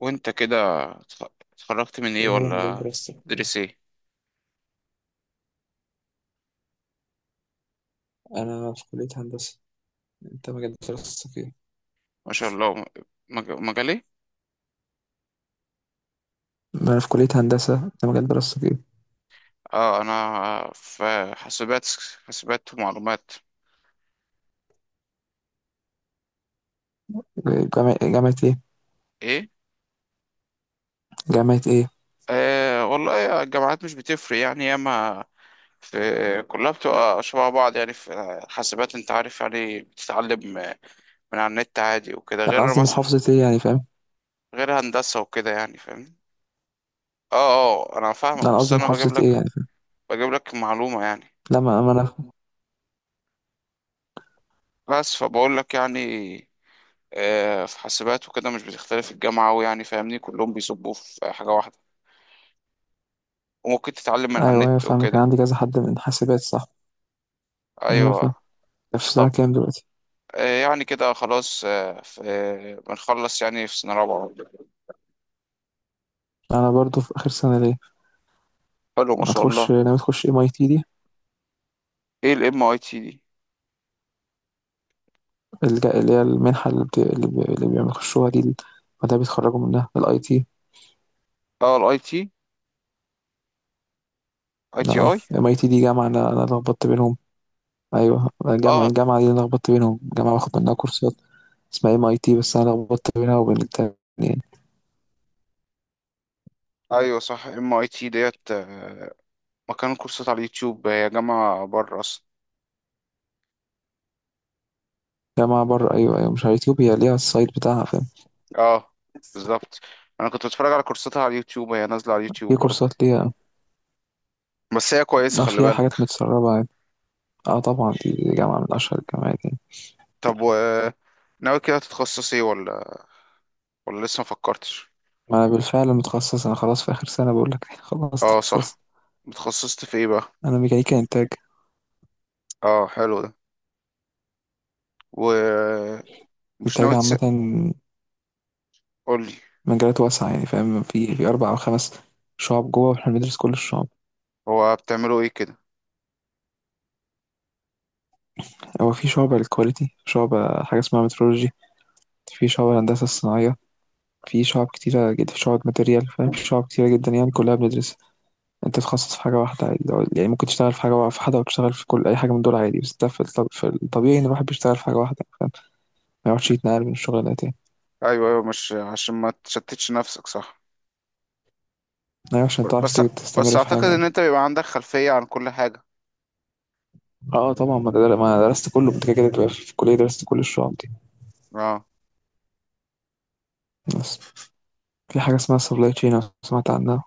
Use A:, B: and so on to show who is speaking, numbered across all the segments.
A: وانت كده، اتخ- اتخرجت من ايه
B: ايه هو مجال
A: ولا
B: دراستك؟
A: تدرس ايه؟
B: انا في كلية هندسة. انت مجال دراستك ايه؟
A: ما شاء الله. مجالي.
B: انا في كلية هندسة، انت مجال دراستك ايه؟
A: اه، انا في حاسبات. حاسبات ومعلومات.
B: جامعة ايه؟
A: ايه؟
B: جامعة ايه؟
A: والله الجامعات مش بتفرق يعني، ياما في، كلها بتبقى شبه بعض يعني. في حاسبات انت عارف يعني بتتعلم من على النت عادي وكده،
B: لا، انا
A: غير
B: قصدي
A: مثلا
B: محافظة ايه يعني فاهم؟
A: غير هندسة وكده يعني فاهم. اه اه، انا
B: لا،
A: فاهمك
B: انا
A: بس
B: قصدي
A: انا بجيب
B: محافظة ايه
A: لك
B: يعني فاهم؟
A: بجيب لك معلومة يعني،
B: لا، ما انا.
A: بس فبقول لك يعني. في حاسبات وكده مش بتختلف الجامعة أوي يعني فاهمني، كلهم بيصبوا في حاجة واحدة وممكن تتعلم من على
B: ايوه، ايوه،
A: النت
B: فاهمك، كان
A: وكده.
B: عندي كذا حد من حاسبات، صح؟ ايوه، فاهم.
A: أيوة.
B: في سنة
A: طب.
B: كام دلوقتي؟
A: يعني كده خلاص، بنخلص يعني في سنة رابعة.
B: انا برضو في اخر سنة ليا.
A: حلو ما شاء
B: هتخش،
A: الله.
B: ناوي تخش ام اي تي دي؟
A: ايه الام اي تي دي؟
B: اللي هي المنحة اللي بيخشوها دي ال-. وده بيتخرجوا منها الاي تي.
A: اه الاي تي. اي تي
B: اه،
A: اي.
B: ام اي تي دي جامعة. انا لخبطت بينهم. ايوه، الجامعه
A: اه،
B: الجامعه دي أنا لخبطت بينهم. جامعه باخد منها كورسات اسمها ام اي تي، بس انا لخبطت بينها وبين التانية يعني.
A: ايوه صح ام اي تي ديت. مكان كورسات على اليوتيوب، هي جامعة بره اصلا.
B: جامعه بره، ايوه ايوه، مش على اليوتيوب، هي ليها السايت بتاعها فاهم.
A: اه، بالظبط. انا كنت بتفرج على كورساتها على اليوتيوب، هي نازلة على
B: في
A: اليوتيوب برضه.
B: كورسات ليها.
A: بس هي كويسة،
B: اه،
A: خلي
B: فيها
A: بالك.
B: حاجات متسربه عادي. اه طبعا، دي جامعه من اشهر الجامعات يعني.
A: طب و ناوي كده تتخصص ايه، ولا لسه ما فكرتش؟
B: ما انا بالفعل متخصص، انا خلاص في اخر سنه بقول لك، خلاص
A: اه
B: اتخصصت.
A: صح. اتخصصت في ايه بقى؟
B: انا ميكانيكا انتاج.
A: اه، حلو ده. ومش
B: انتاج
A: ناوي تس
B: عامه.
A: قولي.
B: مجالات واسعه يعني فاهم، في اربع او خمس شعب جوه، واحنا بندرس كل الشعب.
A: هو بتعملوا ايه كده؟
B: هو في شعبة للكواليتي، شعبة حاجة اسمها مترولوجي، في شعبة الهندسة الصناعية، في شعب كتيرة جدا، في شعب ماتيريال فاهم، في شعب كتيرة جدا يعني كلها بندرسها. انت تتخصص في حاجة واحدة عادي، يعني ممكن تشتغل في حاجة في حاجة وتشتغل في كل أي حاجة من دول عادي، بس ده في في الطبيعي إن الواحد بيشتغل في حاجة واحدة فاهم. ما يقعدش يتنقل من الشغلانة تاني.
A: ايوه ايوه، مش عشان ما تشتتش نفسك، صح؟
B: أيوة عشان تعرف
A: بس بس
B: تستمر في
A: اعتقد
B: حاجة
A: ان
B: يعني.
A: انت بيبقى عندك خلفية عن كل حاجة.
B: اه طبعا، ما أنا درست كله، انت كده كده تبقى في الكلية درست كل الشعب دي.
A: اه
B: بس في حاجة اسمها سبلاي تشين، لو سمعت عنها.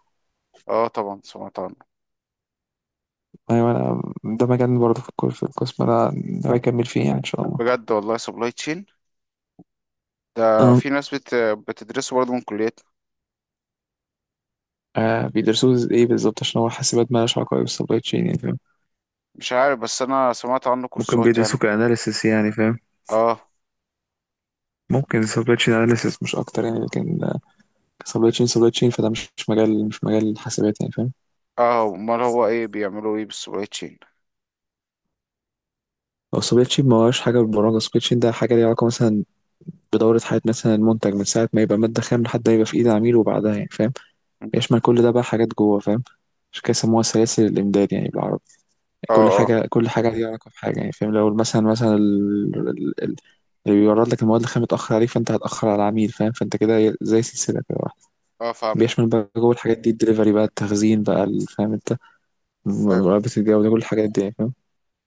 A: اه، طبعا سمعت عنه.
B: أيوة أنا ده مجال برضه في القسم، أنا ناوي أكمل فيه يعني إن شاء الله.
A: بجد والله سبلاي تشين ده.
B: آه،
A: في ناس بتدرسه برضه من كليتنا.
B: بيدرسوه إيه بالظبط؟ عشان هو حاسبات مالهاش علاقة أوي بالسبلاي تشين يعني.
A: مش عارف، بس انا سمعت عنه
B: ممكن
A: كورسات
B: بيدرسوا
A: يعني.
B: كأناليسيس يعني فاهم.
A: اه.
B: ممكن سبلاي تشين أناليسيس مش أكتر يعني، لكن سبلاي تشين فده مش مجال حاسبات يعني فاهم.
A: اه، امال هو ايه، بيعملوا ايه بالسبلاي تشين؟
B: أو سبلاي تشين ما هوش حاجة بالبرمجة، سبلاي تشين ده حاجة ليها علاقة مثلا بدورة حياة مثلا المنتج من ساعة ما يبقى مادة خام لحد ما يبقى في إيد العميل وبعدها يعني فاهم. يشمل كل ده بقى حاجات جوه فاهم. عشان كده سموها سلاسل الإمداد يعني بالعربي.
A: اه
B: كل
A: اه
B: حاجة، كل حاجة ليها علاقة بحاجة يعني فاهم. لو مثلا اللي بيورد لك المواد الخام متأخر عليك، فأنت هتأخر على العميل فاهم، فأنت كده زي سلسلة كده.
A: اه، فهمت.
B: بيشمل بقى جوه الحاجات دي الدليفري بقى، التخزين بقى، فاهم انت،
A: ايوه
B: مراقبة الجودة كل الحاجات دي يعني فاهم.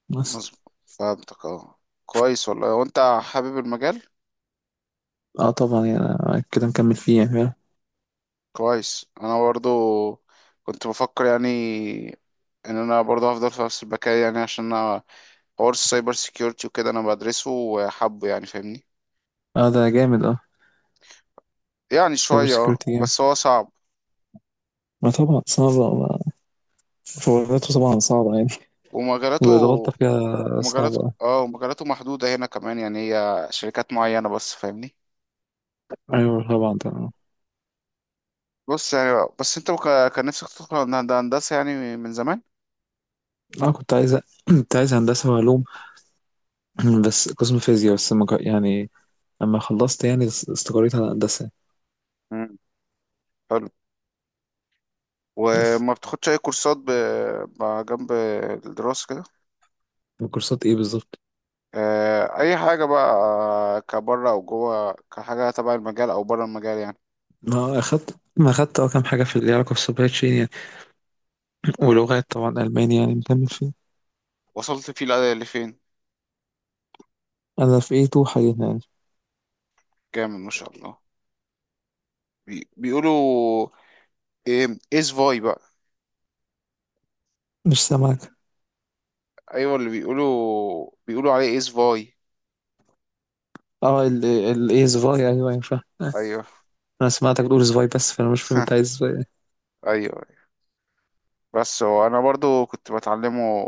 B: بس.
A: مظبوط، فهمتك. اه، كويس والله. وانت حابب المجال؟
B: اه طبعا يعني أنا كده مكمل فيه يعني فاهم.
A: كويس. انا برضو كنت بفكر يعني ان انا برضو هفضل في نفس البكالوريا يعني، عشان انا حوار السايبر سيكيورتي وكده انا بدرسه وحابه يعني فاهمني.
B: اه ده جامد اه.
A: يعني
B: سايبر
A: شوية، اه
B: سيكيورتي جامد.
A: بس هو صعب.
B: ما طبعا صعبة فورماته طبعا صعبة يعني.
A: ومجالاته
B: والغلطة فيها صعبة اه.
A: ومجالاته محدودة هنا كمان، يعني هي شركات معينة بس فاهمني.
B: أيوة طبعا طبعا.
A: بص يعني، بس انت كان نفسك تدخل هندسة يعني من زمان.
B: اه كنت عايز هندسة وعلوم. بس قسم فيزياء، بس ما جا- يعني لما خلصت يعني استقريت على هندسة.
A: مم. حلو.
B: بس
A: وما بتاخدش اي كورسات جنب الدراسة كده؟
B: كورسات ايه بالظبط؟
A: اي حاجة بقى، كبره او جوه، كحاجة تبع المجال او بره المجال يعني.
B: ما اخدت كام حاجة في اللي علاقة بالسبلاي تشين يعني. ولغات طبعا ألماني يعني مكمل فيه.
A: وصلت فيه لفين؟
B: أنا في A2 حاليا يعني.
A: جامد ما شاء الله. بيقولوا ايه ايس فاي بقى؟
B: مش سامعك.
A: ايوه اللي بيقولوا عليه ايس فاي.
B: اه، ال ايه زفاي، ايوه ينفع.
A: ايوه.
B: انا سمعتك بتقول زفاي، بس فانا مش فاهم انت عايز زفاي.
A: ايوه، بس هو انا برضو كنت بتعلمه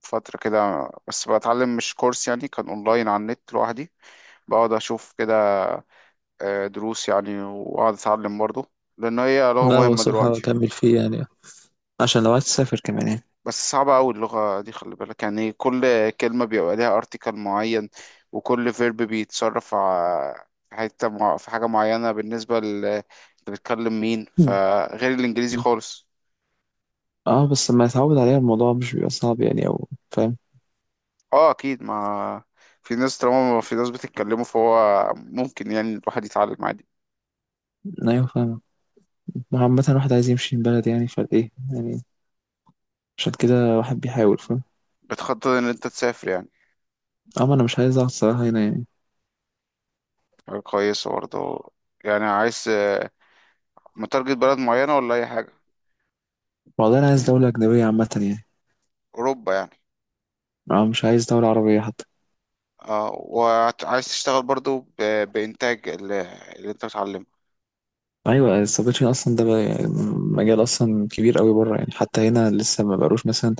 A: فترة كده، بس بتعلم مش كورس يعني، كان اونلاين على النت لوحدي، بقعد اشوف كده دروس يعني واقعد اتعلم برضه، لان هي لغة
B: لا هو
A: مهمة
B: صراحة
A: دلوقتي.
B: اكمل فيه يعني، عشان لو عايز تسافر كمان يعني.
A: بس صعبة قوي اللغة دي، خلي بالك يعني، كل كلمة بيبقى ليها ارتيكل معين، وكل فيرب بيتصرف في حاجة معينة بالنسبة ل انت بتكلم مين،
B: مم.
A: فغير الانجليزي خالص.
B: اه، بس لما يتعود عليها الموضوع مش بيبقى صعب يعني، او فاهم.
A: اه اكيد، ما في ناس، طالما ما في ناس بتتكلموا فهو ممكن يعني الواحد يتعلم عادي.
B: ايوه فاهم. ما هو عامة الواحد عايز يمشي من بلد يعني فايه يعني، عشان كده الواحد بيحاول فاهم.
A: بتخطط ان انت تسافر يعني؟
B: اه ما انا مش عايز اقعد صراحة هنا يعني.
A: حاجة كويسة برضه. يعني عايز، متارجت بلد معينة ولا اي حاجة؟
B: والله انا عايز دولة أجنبية عامة يعني.
A: اوروبا يعني؟
B: اه، مش عايز دولة عربية حتى.
A: اه، وعايز تشتغل برضو بإنتاج اللي انت بتعلمه؟
B: ايوه السبلاي تشين اصلا ده بقى-، مجال اصلا كبير قوي بره يعني، حتى هنا لسه ما بقالوش مثلا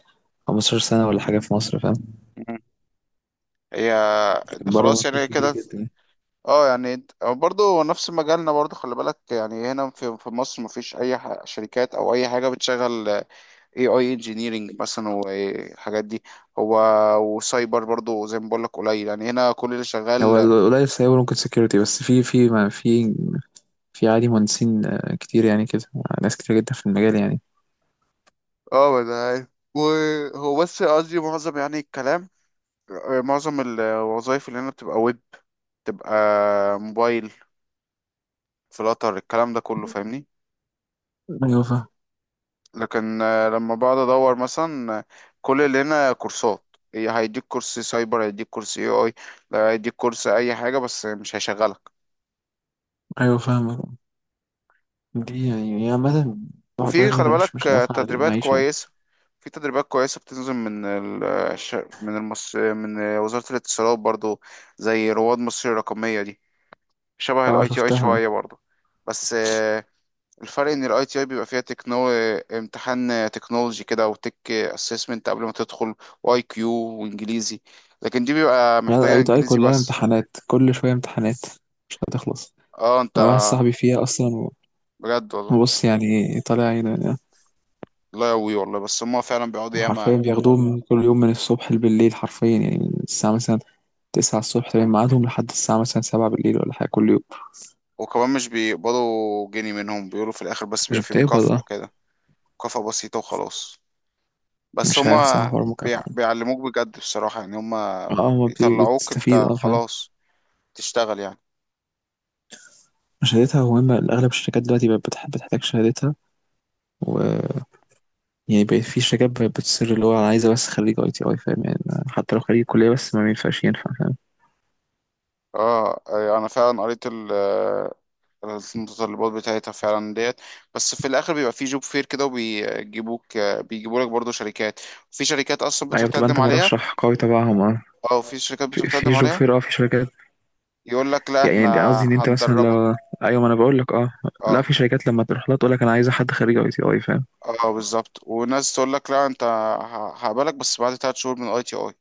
B: 15 سنه ولا حاجه في مصر فاهم.
A: مم. هي
B: بره
A: خلاص
B: مطلوب
A: يعني
B: كتير
A: كده.
B: جدا يعني.
A: اه يعني انت- أو برضو نفس مجالنا برضو، خلي بالك يعني هنا في مصر مفيش اي شركات او اي حاجه بتشغل اي انجينيرنج مثلا والحاجات دي. هو وسايبر برضو زي ما بقول لك قليل يعني، هنا كل اللي
B: هو
A: شغال.
B: القليل سايبر ممكن سكيورتي، بس في ما في، في عادي مهندسين كتير يعني كده. ناس كتير جدا في المجال يعني.
A: اه ما انا عارف. وهو بس قصدي معظم يعني الكلام، معظم الوظائف اللي هنا بتبقى ويب، تبقى موبايل، في القطر، الكلام ده كله فاهمني.
B: ايوه فاهم.
A: لكن لما بقعد ادور مثلا، كل اللي هنا كورسات. هيديك كورس سايبر، هيديك كورس اي اي، هيديك كورس اي حاجه، بس مش هيشغلك.
B: ايوه فاهم. دي يعني هي عامه. صاحب
A: وفي
B: البلد
A: خلي
B: ده مش
A: بالك
B: مش نافعه
A: تدريبات
B: للمعيشه يعني.
A: كويسه. في تدريبات كويسه بتنزل من ال آه، الش- من المص من وزاره الاتصالات برضو، زي رواد مصر الرقميه دي، شبه
B: اه
A: الاي تي اي
B: شفتها.
A: شويه برضو. بس الفرق ان الاي تي اي بيبقى فيها امتحان تكنولوجي كده، او تك اسسمنت قبل ما تدخل، واي كيو وانجليزي. لكن دي بيبقى
B: يعني
A: محتاجه
B: الاي تو اي
A: انجليزي
B: كلها
A: بس.
B: امتحانات، كل شويه امتحانات، مش هتخلص.
A: اه انت.
B: انا واحد صاحبي فيها اصلا.
A: بجد والله.
B: بص يعني طالع.
A: لا يقوي والله، بس هما فعلا بيقعدوا ياما.
B: وحرفيا بياخدوهم كل يوم من الصبح لبالليل، حرفيا يعني، من الساعة مثلا تسعة الصبح تمام ميعادهم، لحد الساعة مثلا سبعة بالليل ولا حاجة، كل يوم.
A: وكمان مش بيقبضوا جنيه منهم، بيقولوا في الاخر بس
B: مش
A: بيبقى فيه
B: بتقبض
A: مكافأة
B: اه.
A: كده، مكافأة بسيطة وخلاص. بس
B: مش عارف صح
A: هما
B: حوار المكافأة.
A: بيعلموك بجد بصراحة يعني، هما
B: اه ما بت-
A: بيطلعوك
B: بتستفيد
A: انت
B: اه فاهم.
A: خلاص تشتغل يعني.
B: شهادتها مهمة، أغلب الشركات دلوقتي بقت بتحتاج شهادتها، و يعني بقت في شركات بقت بتصر، اللي هو أنا عايزة بس خريج أي تي أي فاهم يعني. حتى لو خريج كلية بس ما ينفعش ينفع فاهم.
A: اه انا فعلا قريت المتطلبات بتاعتها فعلا ديت. بس في الاخر بيبقى في جوب فير كده، بيجيبوا لك برضه شركات. في شركات اصلا بتروح
B: أيوة بتبقى
A: تقدم
B: أنت
A: عليها،
B: مرشح قوي تبعهم اه.
A: او في شركات
B: في
A: بتروح
B: في
A: تقدم
B: جوب
A: عليها
B: فير اه في شركات.
A: يقول لك لا
B: يعني
A: احنا
B: يعني قصدي ان انت مثلا
A: هندربك.
B: لو. ايوه ما انا بقول لك اه. لا
A: اه
B: في شركات لما تروح لها تقول لك انا عايزه حد خريج اي تي اي فاهم.
A: اه بالظبط. وناس تقول لك لا انت هقبلك بس بعد 3 شهور من اي تي اي،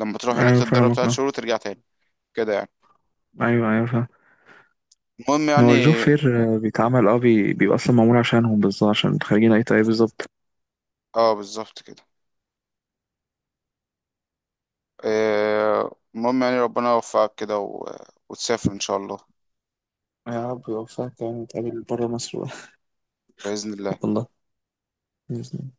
A: لما تروح هناك
B: ايوه
A: تتدرب
B: فاهمك
A: تلات
B: اه.
A: شهور وترجع تاني كده يعني.
B: ايوه ايوه فاهم.
A: المهم
B: ما هو الجوب
A: يعني.
B: فير بيتعمل بيبقى اصلا معمول عشانهم بالظبط عشان خريجين اي تي اي بالظبط.
A: اه بالظبط كده. المهم يعني ربنا يوفقك كده، وتسافر ان شاء الله.
B: يا رب يوفقك يعني نتقابل بره مصر بقى.
A: بإذن الله.
B: والله. بإذن الله.